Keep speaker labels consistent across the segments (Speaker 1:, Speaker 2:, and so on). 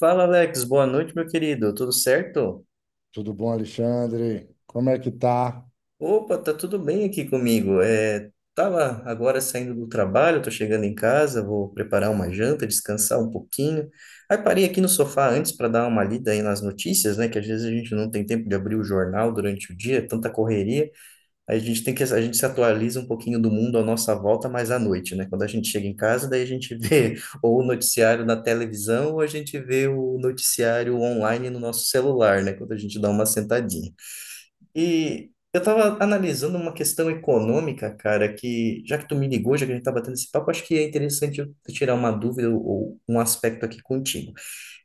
Speaker 1: Fala, Alex. Boa noite, meu querido. Tudo certo?
Speaker 2: Tudo bom, Alexandre? Como é que tá?
Speaker 1: Opa, tá tudo bem aqui comigo. É, tava agora saindo do trabalho, tô chegando em casa, vou preparar uma janta, descansar um pouquinho. Aí parei aqui no sofá antes para dar uma lida aí nas notícias, né? Que às vezes a gente não tem tempo de abrir o jornal durante o dia, é tanta correria. A gente se atualiza um pouquinho do mundo à nossa volta, mas à noite, né? Quando a gente chega em casa, daí a gente vê ou o noticiário na televisão, ou a gente vê o noticiário online no nosso celular, né? Quando a gente dá uma sentadinha. E eu estava analisando uma questão econômica, cara, que já que tu me ligou, já que a gente está batendo esse papo, acho que é interessante eu tirar uma dúvida ou um aspecto aqui contigo.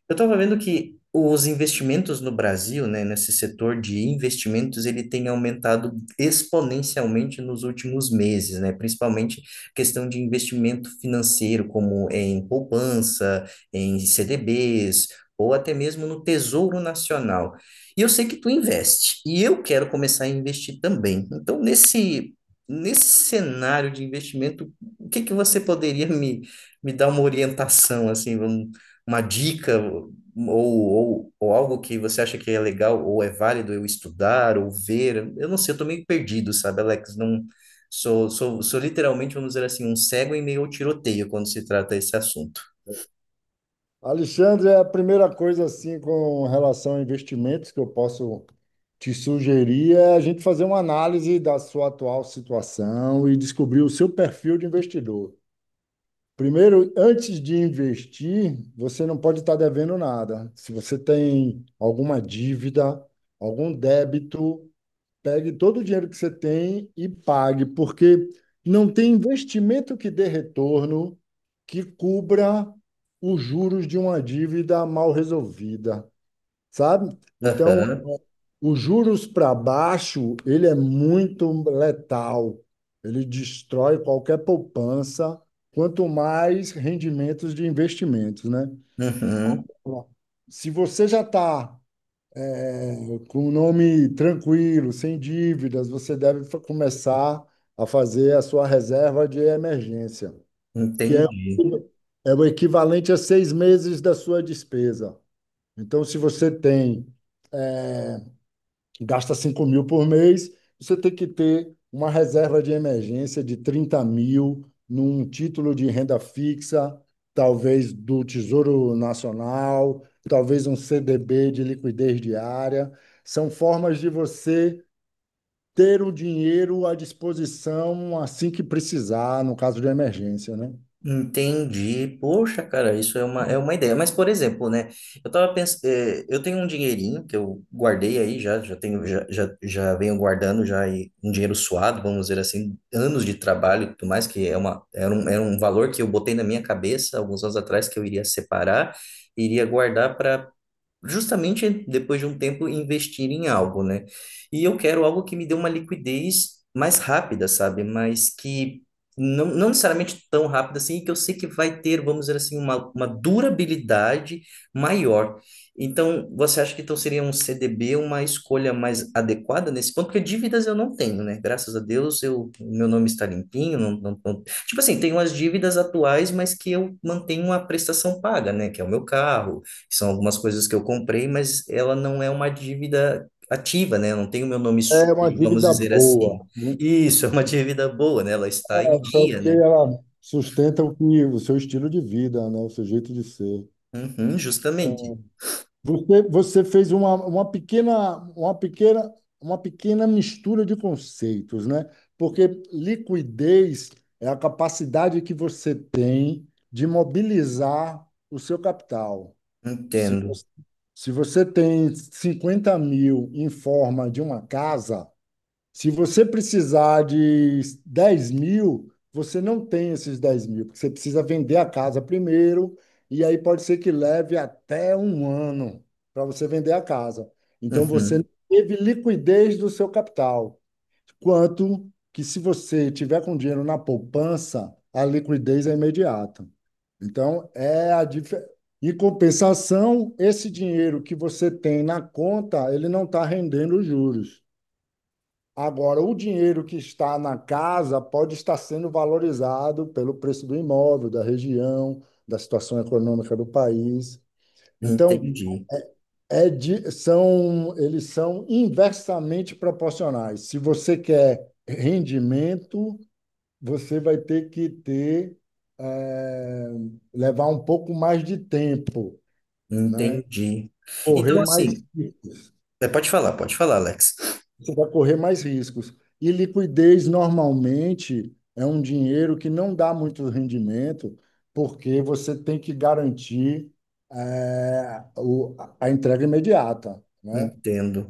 Speaker 1: Eu estava vendo que os investimentos no Brasil, né, nesse setor de investimentos, ele tem aumentado exponencialmente nos últimos meses, né, principalmente questão de investimento financeiro, como em poupança, em CDBs, ou até mesmo no Tesouro Nacional. E eu sei que tu investe, e eu quero começar a investir também. Então, nesse cenário de investimento, o que que você poderia me dar uma orientação, assim, vamos uma dica ou algo que você acha que é legal ou é válido eu estudar ou ver? Eu não sei, eu tô meio perdido, sabe, Alex? Não sou literalmente, vamos dizer assim, um cego em meio ao tiroteio quando se trata esse assunto.
Speaker 2: Alexandre, é a primeira coisa assim com relação a investimentos que eu posso te sugerir é a gente fazer uma análise da sua atual situação e descobrir o seu perfil de investidor. Primeiro, antes de investir, você não pode estar devendo nada. Se você tem alguma dívida, algum débito, pegue todo o dinheiro que você tem e pague, porque não tem investimento que dê retorno que cubra os juros de uma dívida mal resolvida, sabe? Então,
Speaker 1: Aham,
Speaker 2: os juros para baixo, ele é muito letal. Ele destrói qualquer poupança, quanto mais rendimentos de investimentos, né?
Speaker 1: uhum,
Speaker 2: Se você já está com um nome tranquilo, sem dívidas, você deve começar a fazer a sua reserva de emergência, que é,
Speaker 1: entendi.
Speaker 2: é o equivalente a seis meses da sua despesa. Então, se você tem, gasta 5 mil por mês, você tem que ter uma reserva de emergência de 30 mil num título de renda fixa, talvez do Tesouro Nacional, talvez um CDB de liquidez diária. São formas de você ter o dinheiro à disposição assim que precisar, no caso de emergência, né?
Speaker 1: Entendi. Poxa, cara, isso é uma ideia. Mas, por exemplo, né? Eu tava pensando, eu tenho um dinheirinho que eu guardei aí já, já venho guardando já e um dinheiro suado, vamos dizer assim, anos de trabalho e tudo mais, que era um valor que eu botei na minha cabeça alguns anos atrás que eu iria separar, iria guardar para justamente depois de um tempo investir em algo, né? E eu quero algo que me dê uma liquidez mais rápida, sabe? Mas que não necessariamente tão rápida assim, que eu sei que vai ter, vamos dizer assim, uma durabilidade maior. Então, você acha que então seria um CDB uma escolha mais adequada nesse ponto? Porque dívidas eu não tenho, né? Graças a Deus, eu, meu nome está limpinho, tipo assim, tenho as dívidas atuais, mas que eu mantenho a prestação paga, né? Que é o meu carro, são algumas coisas que eu comprei, mas ela não é uma dívida ativa, né? Eu não tem o meu nome sujo,
Speaker 2: É uma
Speaker 1: vamos
Speaker 2: dívida
Speaker 1: dizer assim.
Speaker 2: boa, muito
Speaker 1: Isso, é uma dívida boa, né? Ela está em
Speaker 2: boa,
Speaker 1: dia,
Speaker 2: porque
Speaker 1: né?
Speaker 2: ela sustenta o, que, o seu estilo de vida, né? O seu jeito de ser.
Speaker 1: Uhum, justamente.
Speaker 2: Então, você fez uma pequena mistura de conceitos, né? Porque liquidez é a capacidade que você tem de mobilizar o seu capital. Se
Speaker 1: Entendo.
Speaker 2: você, se você tem 50 mil em forma de uma casa, se você precisar de 10 mil, você não tem esses 10 mil, porque você precisa vender a casa primeiro, e aí pode ser que leve até um ano para você vender a casa. Então você não
Speaker 1: Uhum,
Speaker 2: teve liquidez do seu capital. Quanto que se você tiver com dinheiro na poupança, a liquidez é imediata. Então, é a dif... Em compensação, esse dinheiro que você tem na conta, ele não está rendendo os juros. Agora, o dinheiro que está na casa pode estar sendo valorizado pelo preço do imóvel, da região, da situação econômica do país. Então,
Speaker 1: entendi.
Speaker 2: eles são inversamente proporcionais. Se você quer rendimento, você vai ter que eh, levar um pouco mais de tempo, né?
Speaker 1: Entendi.
Speaker 2: Correr
Speaker 1: Então,
Speaker 2: mais
Speaker 1: assim, é, pode falar, Alex.
Speaker 2: Você vai correr mais riscos. E liquidez normalmente é um dinheiro que não dá muito rendimento, porque você tem que garantir eh, o- a entrega imediata, né?
Speaker 1: Entendo.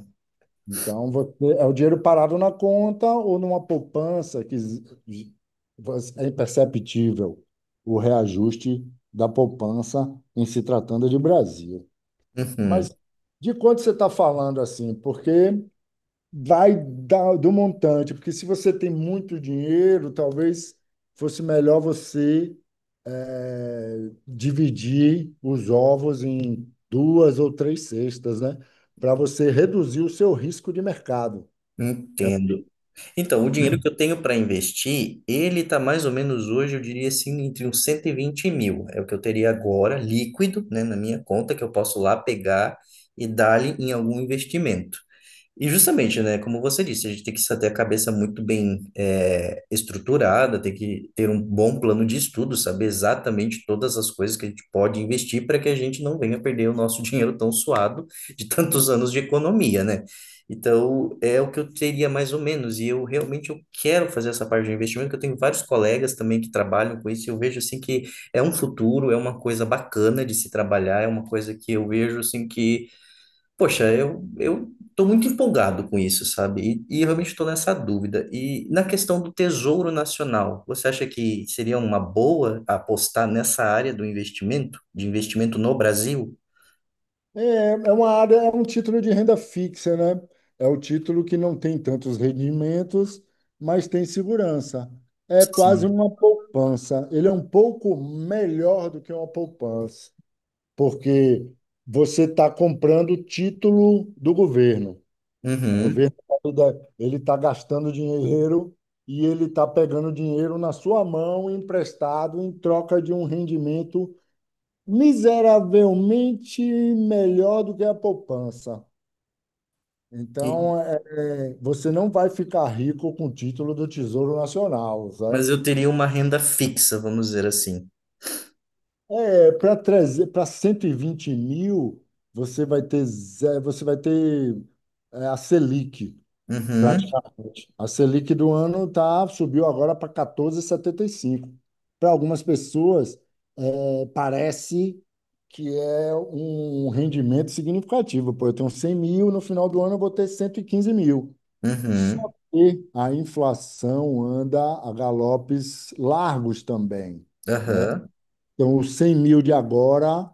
Speaker 2: Então, é o dinheiro parado na conta ou numa poupança é imperceptível o reajuste da poupança em se tratando de Brasil. Mas
Speaker 1: Uhum,
Speaker 2: de quanto você está falando assim? Porque vai do montante, porque se você tem muito dinheiro, talvez fosse melhor você dividir os ovos em duas ou três cestas, né? Para você reduzir o seu risco de mercado.
Speaker 1: entendo. Então, o dinheiro que eu tenho para investir, ele tá mais ou menos hoje, eu diria assim, entre uns 120 mil. É o que eu teria agora, líquido, né, na minha conta, que eu posso lá pegar e dar-lhe em algum investimento. E justamente, né, como você disse, a gente tem que ter a cabeça muito bem estruturada, tem que ter um bom plano de estudo, saber exatamente todas as coisas que a gente pode investir para que a gente não venha perder o nosso dinheiro tão suado de tantos anos de economia, né? Então, é o que eu teria mais ou menos, e eu realmente eu quero fazer essa parte de investimento, que eu tenho vários colegas também que trabalham com isso, e eu vejo assim que é um futuro, é uma coisa bacana de se trabalhar, é uma coisa que eu vejo assim que poxa, eu tô muito empolgado com isso, sabe? E eu realmente estou nessa dúvida. E na questão do Tesouro Nacional, você acha que seria uma boa apostar nessa área do investimento, de investimento no Brasil?
Speaker 2: É, é uma área, é um título de renda fixa, né? É o título que não tem tantos rendimentos, mas tem segurança. É quase
Speaker 1: Sim.
Speaker 2: uma poupança. Ele é um pouco melhor do que uma poupança, porque você está comprando título do governo. O
Speaker 1: Uhum.
Speaker 2: governo ele está gastando dinheiro e ele está pegando dinheiro na sua mão emprestado em troca de um rendimento miseravelmente melhor do que a poupança.
Speaker 1: E-
Speaker 2: Então, você não vai ficar rico com o título do Tesouro Nacional,
Speaker 1: mas
Speaker 2: sabe?
Speaker 1: eu teria uma renda fixa, vamos dizer assim.
Speaker 2: É, para trazer para 120 mil, você vai ter a Selic,
Speaker 1: Uhum,
Speaker 2: praticamente. A Selic do ano subiu agora para 14,75. Para algumas pessoas, parece que é um rendimento significativo. Pô, eu tenho 100 mil, no final do ano eu vou ter 115 mil. Só
Speaker 1: uhum,
Speaker 2: que a inflação anda a galopes largos também, né?
Speaker 1: aham,
Speaker 2: Então, os 100 mil de agora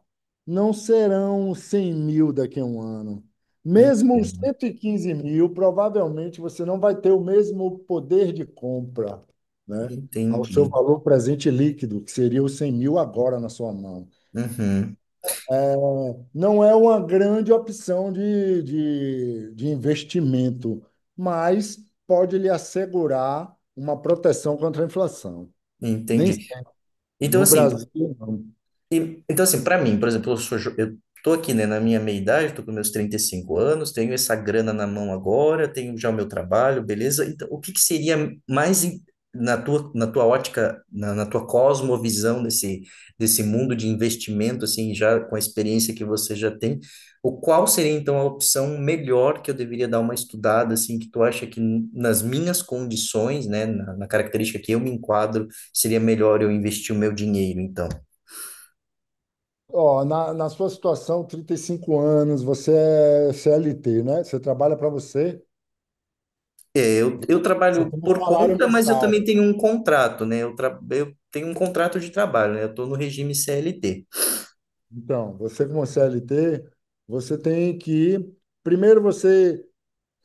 Speaker 2: não serão 100 mil daqui a um ano. Mesmo os
Speaker 1: entendo.
Speaker 2: 115 mil, provavelmente você não vai ter o mesmo poder de compra, né? Ao seu
Speaker 1: Entendi.
Speaker 2: valor presente líquido, que seria os 100 mil agora na sua mão.
Speaker 1: Uhum,
Speaker 2: Não é uma grande opção de investimento, mas pode lhe assegurar uma proteção contra a inflação. Nem
Speaker 1: entendi.
Speaker 2: sempre.
Speaker 1: Então,
Speaker 2: No
Speaker 1: assim,
Speaker 2: Brasil, não.
Speaker 1: e, então, assim, para mim, por exemplo, eu tô aqui, né, na minha meia-idade, tô com meus 35 anos, tenho essa grana na mão agora, tenho já o meu trabalho, beleza? Então, o que que seria na tua ótica, na tua cosmovisão desse mundo de investimento, assim, já com a experiência que você já tem, o qual seria, então, a opção melhor que eu deveria dar uma estudada, assim, que tu acha que nas minhas condições, né, na característica que eu me enquadro, seria melhor eu investir o meu dinheiro, então?
Speaker 2: Ó, na sua situação, 35 anos, você é CLT, né? Você trabalha para você,
Speaker 1: É, eu
Speaker 2: você
Speaker 1: trabalho
Speaker 2: tem um
Speaker 1: por
Speaker 2: salário
Speaker 1: conta, mas eu
Speaker 2: mensal.
Speaker 1: também tenho um contrato, né? Eu tenho um contrato de trabalho, né? Eu estou no regime CLT.
Speaker 2: Então, você como CLT, você tem que, primeiro você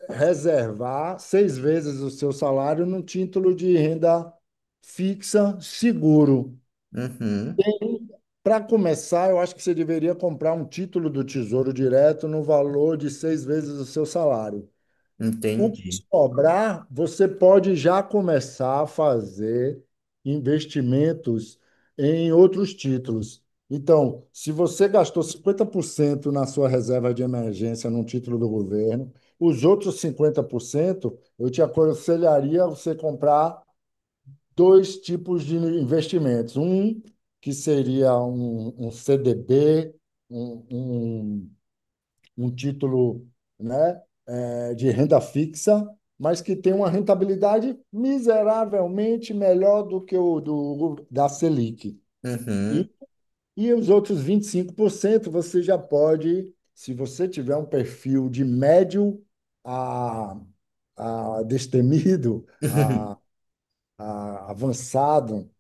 Speaker 2: reservar seis vezes o seu salário num título de renda fixa seguro.
Speaker 1: Uhum,
Speaker 2: Para começar, eu acho que você deveria comprar um título do Tesouro Direto no valor de seis vezes o seu salário. O que
Speaker 1: entendi.
Speaker 2: sobrar, você pode já começar a fazer investimentos em outros títulos. Então, se você gastou 50% na sua reserva de emergência num título do governo, os outros 50%, eu te aconselharia você comprar dois tipos de investimentos. Um, que seria um CDB, um, um um título, né, de renda fixa, mas que tem uma rentabilidade miseravelmente melhor do que o da Selic.
Speaker 1: Uhum.
Speaker 2: E, e os outros 25% você já pode, se você tiver um perfil de médio a, a, destemido, a, a avançado,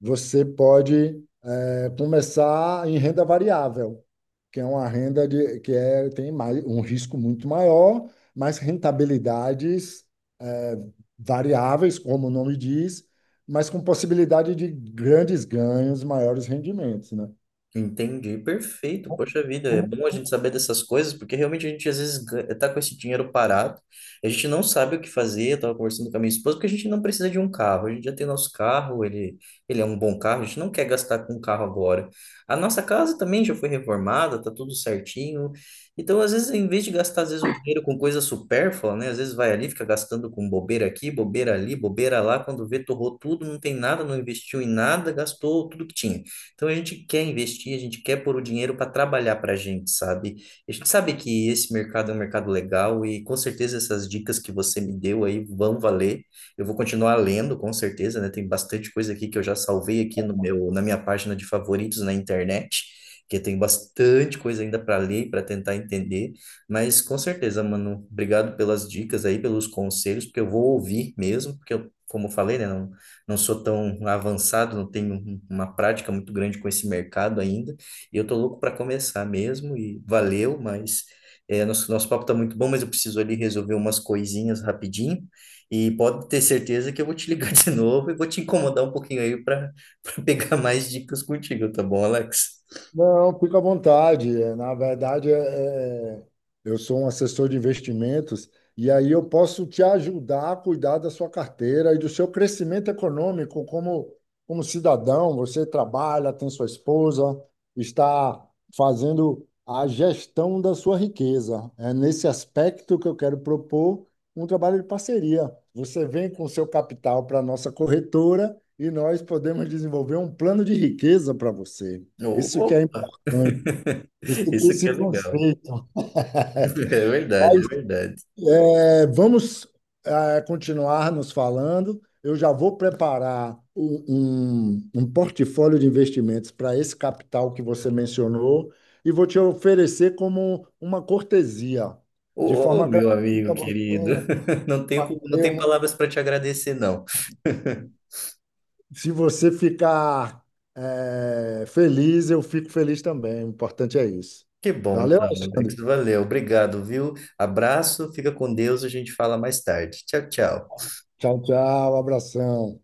Speaker 2: você pode é começar em renda variável, que é uma renda tem mais, um risco muito maior, mas rentabilidades é, variáveis, como o nome diz, mas com possibilidade de grandes ganhos, maiores rendimentos, né?
Speaker 1: Entendi, perfeito. Poxa vida, é bom a gente saber dessas coisas, porque realmente a gente às vezes tá com esse dinheiro parado, a gente não sabe o que fazer. Eu tava conversando com a minha esposa, porque a gente não precisa de um carro, a gente já tem nosso carro, ele é um bom carro, a gente não quer gastar com um carro agora. A nossa casa também já foi reformada, tá tudo certinho. Então, às vezes, em vez de gastar às vezes o dinheiro com coisa supérflua, né? Às vezes vai ali, fica gastando com bobeira aqui, bobeira ali, bobeira lá, quando vê, torrou tudo, não tem nada, não investiu em nada, gastou tudo que tinha. Então a gente quer investir, a gente quer pôr o dinheiro para trabalhar para a gente, sabe? A gente sabe que esse mercado é um mercado legal e com certeza essas dicas que você me deu aí vão valer. Eu vou continuar lendo, com certeza, né? Tem bastante coisa aqui que eu já salvei aqui no meu, na minha página de favoritos na internet. Que tem bastante coisa ainda para ler, para tentar entender, mas com certeza, mano, obrigado pelas dicas aí, pelos conselhos, porque eu vou ouvir mesmo, porque eu, como eu falei, né, não sou tão avançado, não tenho uma prática muito grande com esse mercado ainda, e eu tô louco para começar mesmo, e valeu, mas é, nosso papo tá muito bom, mas eu preciso ali resolver umas coisinhas rapidinho, e pode ter certeza que eu vou te ligar de novo e vou te incomodar um pouquinho aí para pegar mais dicas contigo, tá bom, Alex?
Speaker 2: Não, fica à vontade. É, na verdade, é, eu sou um assessor de investimentos e aí eu posso te ajudar a cuidar da sua carteira e do seu crescimento econômico como cidadão. Você trabalha, tem sua esposa, está fazendo a gestão da sua riqueza. É nesse aspecto que eu quero propor um trabalho de parceria. Você vem com seu capital para a nossa corretora e nós podemos desenvolver um plano de riqueza para você. Isso que é
Speaker 1: Opa,
Speaker 2: importante. Você tem
Speaker 1: isso que é
Speaker 2: esse
Speaker 1: legal.
Speaker 2: conceito.
Speaker 1: É verdade, é
Speaker 2: Mas
Speaker 1: verdade.
Speaker 2: vamos é continuar nos falando. Eu já vou preparar um portfólio de investimentos para esse capital que você mencionou e vou te oferecer como uma cortesia, de
Speaker 1: Ô,
Speaker 2: forma
Speaker 1: meu amigo
Speaker 2: gratuita. você
Speaker 1: querido, não tenho,
Speaker 2: vai
Speaker 1: não
Speaker 2: ter
Speaker 1: tenho
Speaker 2: um-
Speaker 1: palavras para te agradecer, não.
Speaker 2: se você ficar feliz, eu fico feliz também. O importante é isso.
Speaker 1: Que bom,
Speaker 2: Valeu,
Speaker 1: então, Alex.
Speaker 2: Alexandre.
Speaker 1: Valeu, obrigado, viu? Abraço, fica com Deus, a gente fala mais tarde. Tchau, tchau.
Speaker 2: Tchau, tchau. Abração.